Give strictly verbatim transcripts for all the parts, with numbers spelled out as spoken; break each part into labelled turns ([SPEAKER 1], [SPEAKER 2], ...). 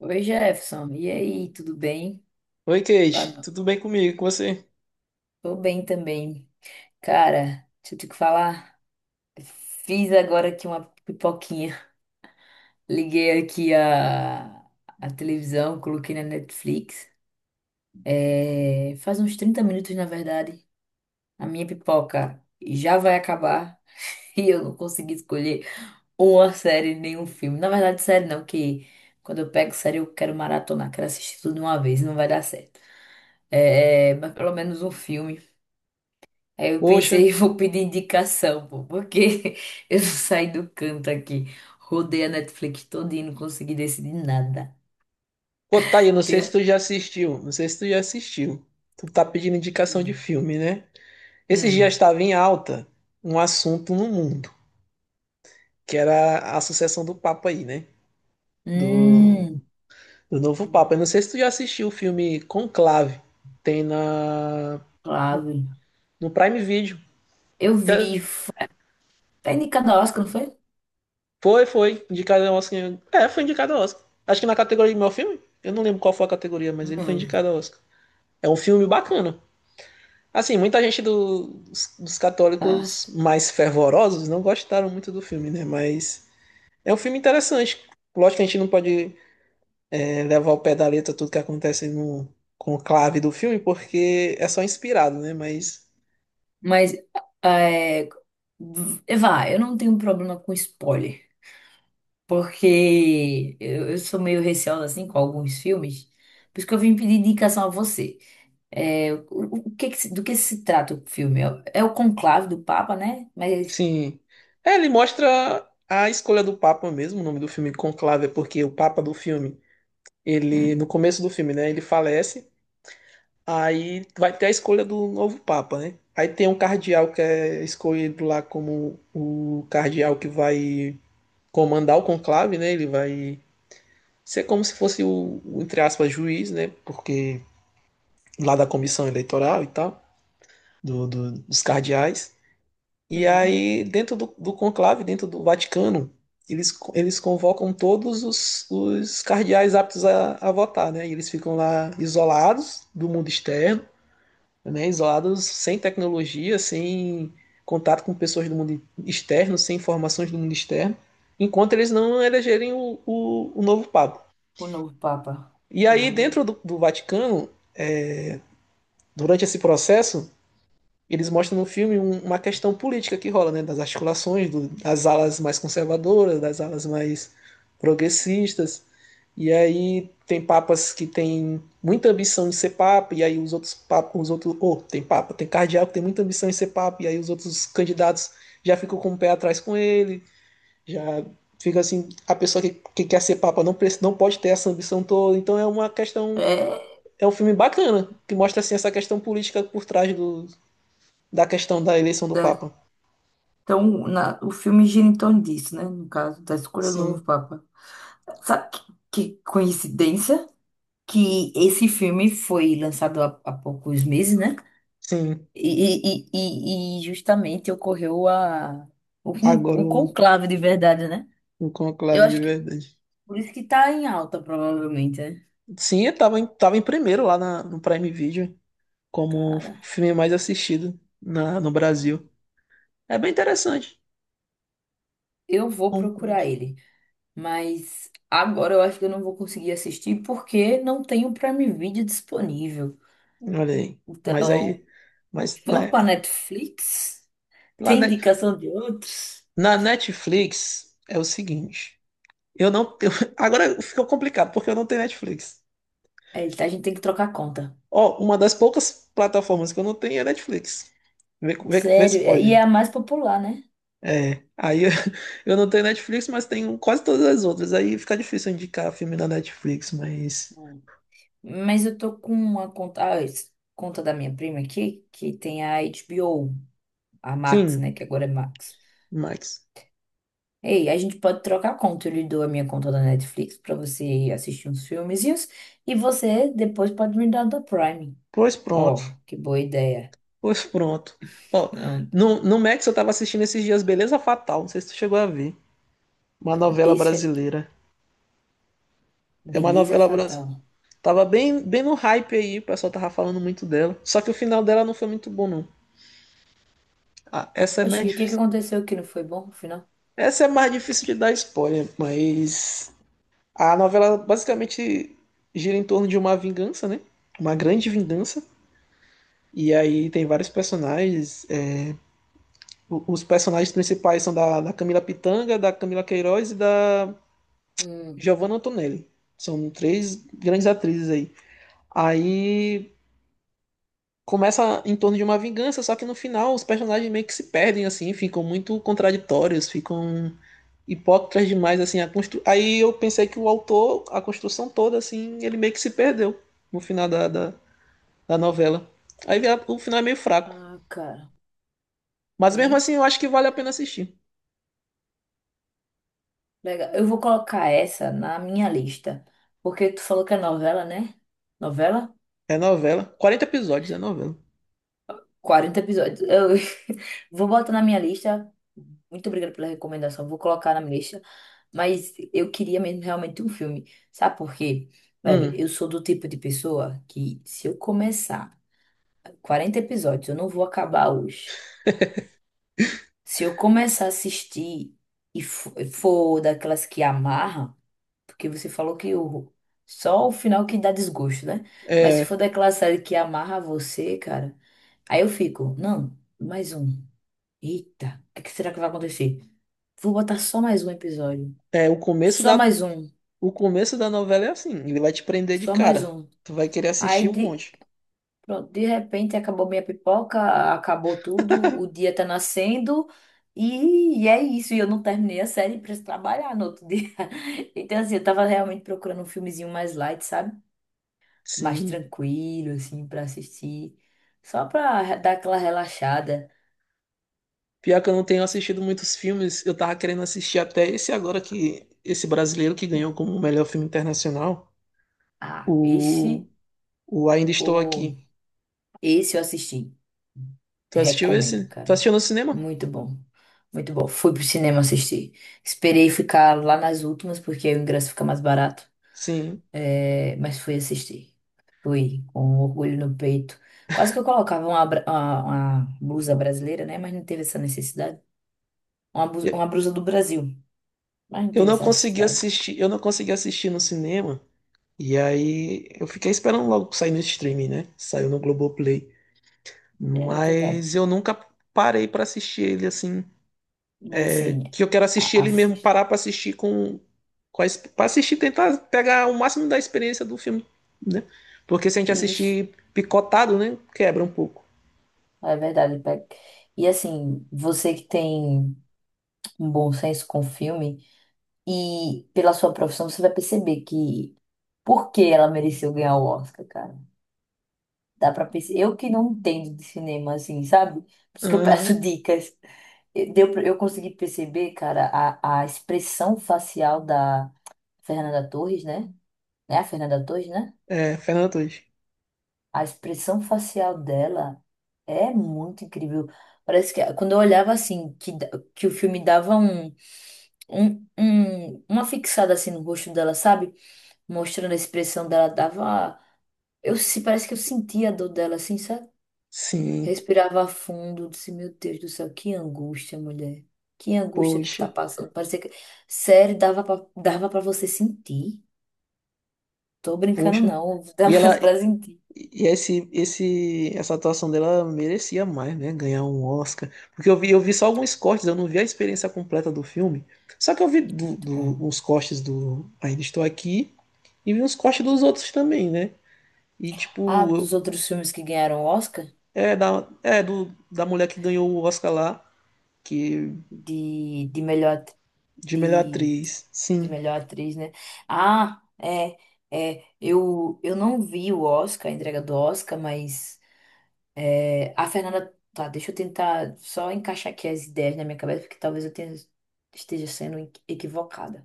[SPEAKER 1] Oi, Jefferson. E aí, tudo bem?
[SPEAKER 2] Oi, Kate,
[SPEAKER 1] Ah,
[SPEAKER 2] tudo bem comigo? Com você?
[SPEAKER 1] tô bem também. Cara, deixa eu te falar. Fiz agora aqui uma pipoquinha. Liguei aqui a, a televisão, coloquei na Netflix. É, faz uns trinta minutos, na verdade. A minha pipoca já vai acabar e eu não consegui escolher uma série, nenhum filme. Na verdade, série não, que quando eu pego série eu quero maratonar, quero assistir tudo de uma vez, não vai dar certo. É, mas pelo menos um filme. Aí eu
[SPEAKER 2] Poxa,
[SPEAKER 1] pensei, vou pedir indicação, pô, porque eu saí do canto aqui. Rodei a Netflix toda e não consegui decidir nada.
[SPEAKER 2] pô, tá aí, não sei se
[SPEAKER 1] Tem.
[SPEAKER 2] tu já assistiu, não sei se tu já assistiu. Tu tá pedindo indicação de
[SPEAKER 1] Hum.
[SPEAKER 2] filme, né? Esses dias
[SPEAKER 1] Hum.
[SPEAKER 2] estava em alta um assunto no mundo, que era a sucessão do Papa aí, né? Do,
[SPEAKER 1] Hum.
[SPEAKER 2] do novo Papa. Eu não sei se tu já assistiu o filme Conclave, tem na,
[SPEAKER 1] Claro.
[SPEAKER 2] no Prime Video.
[SPEAKER 1] Eu
[SPEAKER 2] Já-
[SPEAKER 1] vi. f- Tá indicado ao Oscar, não foi?
[SPEAKER 2] Foi, foi, indicado ao Oscar. É, foi indicado ao Oscar. Acho que na categoria de melhor filme? Eu não lembro qual foi a categoria, mas ele foi
[SPEAKER 1] Hum.
[SPEAKER 2] indicado ao Oscar. É um filme bacana. Assim, muita gente do- dos, dos
[SPEAKER 1] Ah,
[SPEAKER 2] católicos mais fervorosos não gostaram muito do filme, né? Mas é um filme interessante. Lógico que a gente não pode é, levar ao pé da letra tudo que acontece no conclave do filme, porque é só inspirado, né? Mas,
[SPEAKER 1] mas é, v- vá, eu não tenho problema com spoiler. Porque eu, eu sou meio receosa assim com alguns filmes. Por isso que eu vim pedir indicação a você. É, o, o que que se- do que se trata o filme? É, o conclave do Papa, né? Mas.
[SPEAKER 2] sim. É, ele mostra a escolha do Papa mesmo. O nome do filme Conclave é porque o Papa do filme, ele, no
[SPEAKER 1] Hum,
[SPEAKER 2] começo do filme, né? Ele falece. Aí vai ter a escolha do novo Papa, né? Aí tem um cardeal que é escolhido lá como o cardeal que vai comandar o conclave, né? Ele vai ser como se fosse o, o, entre aspas, juiz, né? Porque lá da comissão eleitoral e tal, do, do- dos cardeais. E
[SPEAKER 1] uhum.
[SPEAKER 2] aí, dentro do, do conclave, dentro do Vaticano, eles, co- eles convocam todos os, os cardeais aptos a, a votar, né? E eles ficam lá isolados do mundo externo, né, isolados, sem tecnologia, sem contato com pessoas do mundo externo, sem informações do mundo externo, enquanto eles não elegerem o, o, o novo Papa.
[SPEAKER 1] O novo Papa.
[SPEAKER 2] E aí,
[SPEAKER 1] Hum.
[SPEAKER 2] dentro do, do, Vaticano, durante esse processo, eles mostram no filme um, uma questão política que rola, né, das articulações, do, das alas mais conservadoras, das alas mais progressistas. E aí tem papas que tem muita ambição de ser papa, e aí os outros papas, os outros, oh, tem papa, tem cardeal que tem muita ambição de ser papa, e aí os outros candidatos já ficam com o pé atrás com ele, já fica assim, a pessoa que, que quer ser papa não, não pode ter essa ambição toda, então é uma questão,
[SPEAKER 1] É,
[SPEAKER 2] é um filme bacana, que mostra assim essa questão política por trás do, da questão da eleição do
[SPEAKER 1] da-
[SPEAKER 2] papa.
[SPEAKER 1] então, na- o filme gira em torno disso, né? No caso, da escolha do novo
[SPEAKER 2] Sim,
[SPEAKER 1] Papa. Sabe que, que coincidência? Que esse filme foi lançado há, há poucos meses, né?
[SPEAKER 2] sim.
[SPEAKER 1] E, e, e, e justamente ocorreu a, o, con-
[SPEAKER 2] Agora
[SPEAKER 1] o
[SPEAKER 2] o,
[SPEAKER 1] conclave de verdade, né?
[SPEAKER 2] o
[SPEAKER 1] Eu
[SPEAKER 2] conclave de
[SPEAKER 1] acho que
[SPEAKER 2] verdade.
[SPEAKER 1] por isso que tá em alta, provavelmente, né?
[SPEAKER 2] Sim, eu tava em, tava em primeiro lá na, no Prime Video, como o
[SPEAKER 1] Cara.
[SPEAKER 2] filme mais assistido na, no Brasil. É bem interessante.
[SPEAKER 1] Eu vou
[SPEAKER 2] Bom,
[SPEAKER 1] procurar ele, mas agora eu acho que eu não vou conseguir assistir porque não tem o Prime Video disponível.
[SPEAKER 2] olha aí. Mas
[SPEAKER 1] Então,
[SPEAKER 2] aí. Mas
[SPEAKER 1] vamos para
[SPEAKER 2] né,
[SPEAKER 1] Netflix?
[SPEAKER 2] lá
[SPEAKER 1] Tem
[SPEAKER 2] na,
[SPEAKER 1] indicação de outros?
[SPEAKER 2] na Netflix é o seguinte. Eu não tenho. Agora ficou complicado, porque eu não tenho Netflix.
[SPEAKER 1] É, a gente tem que trocar conta.
[SPEAKER 2] Ó, uma das poucas plataformas que eu não tenho é Netflix. Vê, vê, vê se
[SPEAKER 1] Sério, é- e
[SPEAKER 2] pode.
[SPEAKER 1] é a mais popular, né?
[SPEAKER 2] É. Aí eu, eu não tenho Netflix, mas tenho quase todas as outras. Aí fica difícil indicar filme na Netflix, mas.
[SPEAKER 1] Hum. Mas eu tô com uma conta, ah, esse- conta da minha prima aqui, que tem a H B O, a Max,
[SPEAKER 2] Sim,
[SPEAKER 1] né? Que agora é Max.
[SPEAKER 2] Max.
[SPEAKER 1] Ei, a gente pode trocar a conta. Eu lhe dou a minha conta da Netflix pra você assistir uns filmezinhos e você depois pode me dar da Prime.
[SPEAKER 2] Pois pronto.
[SPEAKER 1] Ó, que boa ideia.
[SPEAKER 2] Pois pronto. Ó,
[SPEAKER 1] Não,
[SPEAKER 2] no, no Max eu tava assistindo esses dias Beleza Fatal, não sei se tu chegou a ver. Uma novela
[SPEAKER 1] esse é
[SPEAKER 2] brasileira. É uma
[SPEAKER 1] Beleza
[SPEAKER 2] novela brasileira.
[SPEAKER 1] Fatal.
[SPEAKER 2] Tava bem, bem no hype aí, o pessoal tava falando muito dela. Só que o final dela não foi muito bom, não. Ah, essa é
[SPEAKER 1] Oxi,
[SPEAKER 2] mais
[SPEAKER 1] o que que
[SPEAKER 2] difícil.
[SPEAKER 1] aconteceu que não foi bom no final?
[SPEAKER 2] Essa é mais difícil de dar spoiler, mas a novela basicamente gira em torno de uma vingança, né? Uma grande vingança. E aí tem vários personagens. é, O- Os personagens principais são da, da Camila Pitanga, da Camila Queiroz e da
[SPEAKER 1] Hum,
[SPEAKER 2] Giovanna Antonelli. São três grandes atrizes aí. Aí começa em torno de uma vingança, só que no final os personagens meio que se perdem, assim, ficam muito contraditórios, ficam hipócritas demais, assim. A constru... Aí eu pensei que o autor, a construção toda, assim, ele meio que se perdeu no final da, da, da novela. Aí o final é meio fraco.
[SPEAKER 1] ah, cara.
[SPEAKER 2] Mas mesmo
[SPEAKER 1] Aí,
[SPEAKER 2] assim eu acho que vale a pena assistir.
[SPEAKER 1] legal. Eu vou colocar essa na minha lista. Porque tu falou que é novela, né? Novela?
[SPEAKER 2] É novela. Quarenta episódios, é novela.
[SPEAKER 1] Quarenta episódios. Eu vou botar na minha lista. Muito obrigada pela recomendação. Vou colocar na minha lista. Mas eu queria mesmo realmente um filme. Sabe por quê? Velho,
[SPEAKER 2] Hum,
[SPEAKER 1] eu sou do tipo de pessoa que se eu começar quarenta episódios, eu não vou acabar hoje. Se eu começar a assistir e fo- e for daquelas que amarra, porque você falou que o só o final que dá desgosto, né? Mas se for
[SPEAKER 2] é,
[SPEAKER 1] daquela série que amarra você, cara, aí eu fico, não, mais um. Eita, o que será que vai acontecer? Vou botar só mais um episódio.
[SPEAKER 2] é o começo
[SPEAKER 1] Só
[SPEAKER 2] da,
[SPEAKER 1] mais um.
[SPEAKER 2] o começo da novela é assim, ele vai te prender de
[SPEAKER 1] Só mais
[SPEAKER 2] cara.
[SPEAKER 1] um.
[SPEAKER 2] Tu vai querer assistir
[SPEAKER 1] Aí,
[SPEAKER 2] um
[SPEAKER 1] de,
[SPEAKER 2] monte.
[SPEAKER 1] pronto, de repente, acabou minha pipoca, acabou tudo, o dia tá nascendo. E, e é isso, e eu não terminei a série pra trabalhar no outro dia. Então, assim, eu tava realmente procurando um filmezinho mais light, sabe? Mais
[SPEAKER 2] Sim.
[SPEAKER 1] tranquilo, assim, pra assistir. Só pra dar aquela relaxada.
[SPEAKER 2] Pior que eu não tenho assistido muitos filmes, eu tava querendo assistir até esse agora que esse brasileiro que ganhou
[SPEAKER 1] Hum.
[SPEAKER 2] como melhor filme internacional,
[SPEAKER 1] Ah,
[SPEAKER 2] o,
[SPEAKER 1] esse,
[SPEAKER 2] o Ainda Estou
[SPEAKER 1] o
[SPEAKER 2] Aqui.
[SPEAKER 1] esse eu assisti.
[SPEAKER 2] Tu assistiu
[SPEAKER 1] Recomendo,
[SPEAKER 2] esse? Tu
[SPEAKER 1] cara.
[SPEAKER 2] assistiu no cinema?
[SPEAKER 1] Muito bom. Muito bom. Fui pro cinema assistir. Esperei ficar lá nas últimas, porque aí o ingresso fica mais barato.
[SPEAKER 2] Sim.
[SPEAKER 1] É, mas fui assistir. Fui com um orgulho no peito. Quase que eu colocava uma, bra- uma, uma blusa brasileira, né? Mas não teve essa necessidade. Uma, blusa- uma
[SPEAKER 2] Eu,
[SPEAKER 1] blusa do Brasil. Mas não
[SPEAKER 2] eu
[SPEAKER 1] teve
[SPEAKER 2] não
[SPEAKER 1] essa
[SPEAKER 2] consegui
[SPEAKER 1] necessidade.
[SPEAKER 2] assistir, eu não consegui assistir no cinema. E aí eu fiquei esperando logo sair no streaming, né? Saiu no Globoplay.
[SPEAKER 1] É verdade.
[SPEAKER 2] Mas eu nunca parei pra assistir ele assim
[SPEAKER 1] Mas assim,
[SPEAKER 2] que eu quero assistir
[SPEAKER 1] a-
[SPEAKER 2] ele mesmo,
[SPEAKER 1] assiste.
[SPEAKER 2] parar pra assistir com, com a, ex- pra assistir, tentar pegar o máximo da experiência do filme, né? Porque se a gente
[SPEAKER 1] Isso.
[SPEAKER 2] assistir picotado, né, quebra um pouco.
[SPEAKER 1] É verdade, Peck. E assim, você que tem um bom senso com o filme e pela sua profissão você vai perceber que por que ela mereceu ganhar o Oscar, cara. Dá pra perceber. Eu que não entendo de cinema assim, sabe? Por isso que eu
[SPEAKER 2] Aham.
[SPEAKER 1] peço dicas. Eu- Deu pra. Eu consegui perceber, cara, a, a expressão facial da Fernanda Torres, né? É a Fernanda Torres, né?
[SPEAKER 2] É, Fernanda Torres.
[SPEAKER 1] A expressão facial dela é muito incrível. Parece que quando eu olhava assim, que, da- que o filme dava um, um, um- uma fixada assim no rosto dela, sabe? Mostrando a expressão dela, dava. Eu se parece que eu sentia a dor dela, assim, sabe?
[SPEAKER 2] Sim,
[SPEAKER 1] Respirava fundo, disse, meu Deus do céu, que angústia, mulher. Que angústia que tu
[SPEAKER 2] poxa,
[SPEAKER 1] tá passando. Parecia que. Sério, dava pra, dava pra você sentir. Tô brincando,
[SPEAKER 2] poxa.
[SPEAKER 1] não.
[SPEAKER 2] E
[SPEAKER 1] Dava
[SPEAKER 2] ela,
[SPEAKER 1] pra sentir.
[SPEAKER 2] e esse, esse, essa atuação dela merecia mais, né? Ganhar um Oscar. Porque eu vi, eu vi só alguns cortes, eu não vi a experiência completa do filme. Só que eu vi do,
[SPEAKER 1] Muito bom.
[SPEAKER 2] do- uns cortes do Ainda Estou Aqui e vi uns cortes dos outros também, né? E,
[SPEAKER 1] Ah,
[SPEAKER 2] tipo,
[SPEAKER 1] dos outros filmes que ganharam Oscar
[SPEAKER 2] é da, é do, da mulher que ganhou o Oscar lá, que,
[SPEAKER 1] de, de melhor at-
[SPEAKER 2] de melhor
[SPEAKER 1] de,
[SPEAKER 2] atriz.
[SPEAKER 1] de
[SPEAKER 2] Sim,
[SPEAKER 1] melhor atriz, né? Ah, é, é, eu, eu não vi o Oscar, a entrega do Oscar, mas é, a Fernanda. Tá, deixa eu tentar só encaixar aqui as ideias na minha cabeça, porque talvez eu tenha- esteja sendo equi- equivocada.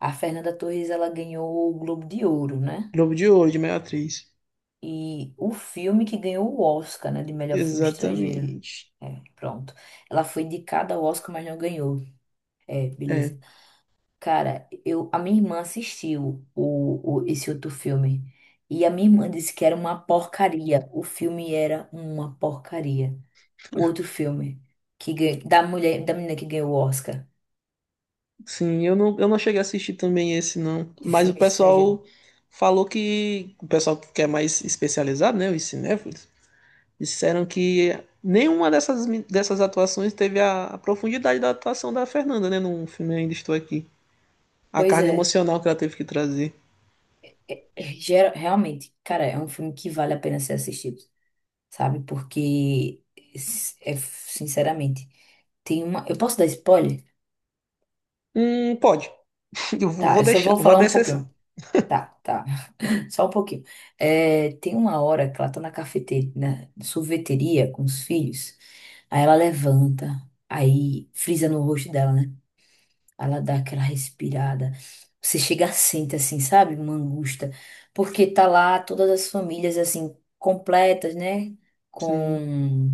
[SPEAKER 1] A Fernanda Torres, ela ganhou o Globo de Ouro, né?
[SPEAKER 2] Globo de Ouro, de melhor atriz.
[SPEAKER 1] E o filme que ganhou o Oscar, né, de melhor filme estrangeiro.
[SPEAKER 2] Exatamente.
[SPEAKER 1] É, pronto. Ela foi indicada ao Oscar, mas não ganhou. É,
[SPEAKER 2] É,
[SPEAKER 1] beleza. Cara, eu, a minha irmã assistiu o, o- esse outro filme. E a minha irmã disse que era uma porcaria. O filme era uma porcaria. O outro filme que ganha- da mulher, da menina que ganhou o Oscar
[SPEAKER 2] sim, eu não, eu não cheguei a assistir também esse, não.
[SPEAKER 1] de
[SPEAKER 2] Mas o
[SPEAKER 1] filme estrangeiro.
[SPEAKER 2] pessoal falou que. O pessoal que é mais especializado, né? Os cinéfilos, disseram que nenhuma dessas, mi- dessas atuações teve a, a profundidade da atuação da Fernanda, né? No filme Ainda Estou Aqui. A
[SPEAKER 1] Pois
[SPEAKER 2] carga
[SPEAKER 1] é,
[SPEAKER 2] emocional que ela teve que trazer.
[SPEAKER 1] é, gera- realmente, cara, é um filme que vale a pena ser assistido, sabe? Porque s- é sinceramente, tem uma, eu posso dar spoiler?
[SPEAKER 2] Hum, pode. Eu vou
[SPEAKER 1] Tá,
[SPEAKER 2] vou
[SPEAKER 1] eu só
[SPEAKER 2] deixar,
[SPEAKER 1] vou
[SPEAKER 2] vou
[SPEAKER 1] falar
[SPEAKER 2] dar
[SPEAKER 1] um
[SPEAKER 2] exceção.
[SPEAKER 1] pouquinho. Tá, tá. Só um pouquinho. É, tem uma hora que ela tá na cafeteria, na sorveteria com os filhos. Aí ela levanta, aí frisa no rosto dela, né? Ela dá aquela respirada. Você chega, sente assim, sabe? Uma angústia. Porque tá lá todas as famílias, assim, completas, né?
[SPEAKER 2] Sim,
[SPEAKER 1] Com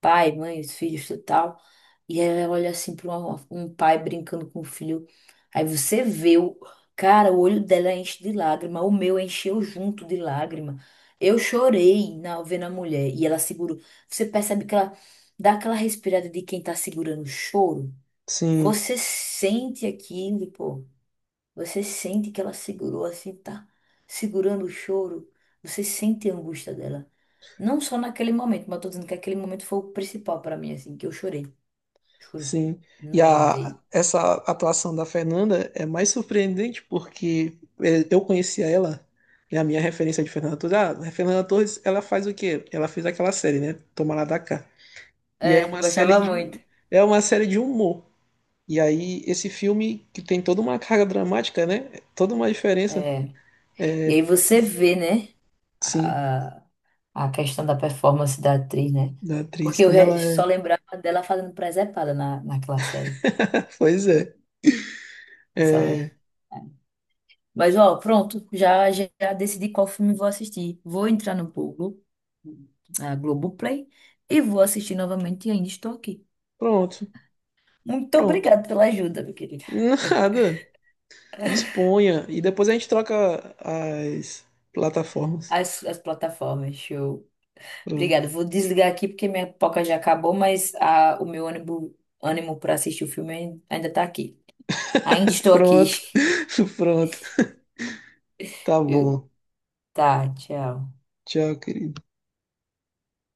[SPEAKER 1] pai, mãe, os filhos, tudo tal. E aí ela olha assim para um pai brincando com o filho. Aí você vê o. Cara, o olho dela enche de lágrima. O meu encheu junto de lágrima. Eu chorei na vendo a mulher. E ela segurou. Você percebe que ela dá aquela respirada de quem tá segurando o choro.
[SPEAKER 2] sim,
[SPEAKER 1] Você sente aquilo, pô. Você sente que ela segurou assim, tá segurando o choro. Você sente a angústia dela. Não só naquele momento, mas eu tô dizendo que aquele momento foi o principal pra mim, assim, que eu chorei. Juro.
[SPEAKER 2] sim. E
[SPEAKER 1] Não me
[SPEAKER 2] a,
[SPEAKER 1] aguentei.
[SPEAKER 2] essa atuação da Fernanda é mais surpreendente porque é, eu conhecia ela, e a minha referência de Fernanda Torres, ah, a Fernanda Torres, ela faz o quê? Ela fez aquela série, né? Toma lá da cá. E é
[SPEAKER 1] É,
[SPEAKER 2] uma série
[SPEAKER 1] gostava muito.
[SPEAKER 2] de, é uma série de humor. E aí, esse filme que tem toda uma carga dramática, né? Toda uma diferença.
[SPEAKER 1] É. E
[SPEAKER 2] É,
[SPEAKER 1] aí você vê, né,
[SPEAKER 2] sim,
[SPEAKER 1] a, a questão da performance da atriz, né?
[SPEAKER 2] da atriz,
[SPEAKER 1] Porque eu
[SPEAKER 2] como
[SPEAKER 1] re-
[SPEAKER 2] ela
[SPEAKER 1] só
[SPEAKER 2] é.
[SPEAKER 1] lembrava dela fazendo presepada na, naquela série.
[SPEAKER 2] Pois é.
[SPEAKER 1] Só.
[SPEAKER 2] É,
[SPEAKER 1] Mas, ó, pronto, já, já decidi qual filme vou assistir. Vou entrar no Google, a Globoplay, e vou assistir novamente e ainda estou aqui.
[SPEAKER 2] pronto,
[SPEAKER 1] Muito
[SPEAKER 2] pronto.
[SPEAKER 1] obrigada pela ajuda, meu querido.
[SPEAKER 2] Nada. Disponha. E depois a gente troca as plataformas.
[SPEAKER 1] As, as plataformas, show.
[SPEAKER 2] Pronto.
[SPEAKER 1] Obrigada. Vou desligar aqui porque minha pipoca já acabou, mas a, o meu ânimo, ânimo para assistir o filme ainda está aqui. Ainda estou aqui.
[SPEAKER 2] Pronto. Pronto. Tá
[SPEAKER 1] Eu-
[SPEAKER 2] bom.
[SPEAKER 1] Tá, tchau.
[SPEAKER 2] Tchau, querido.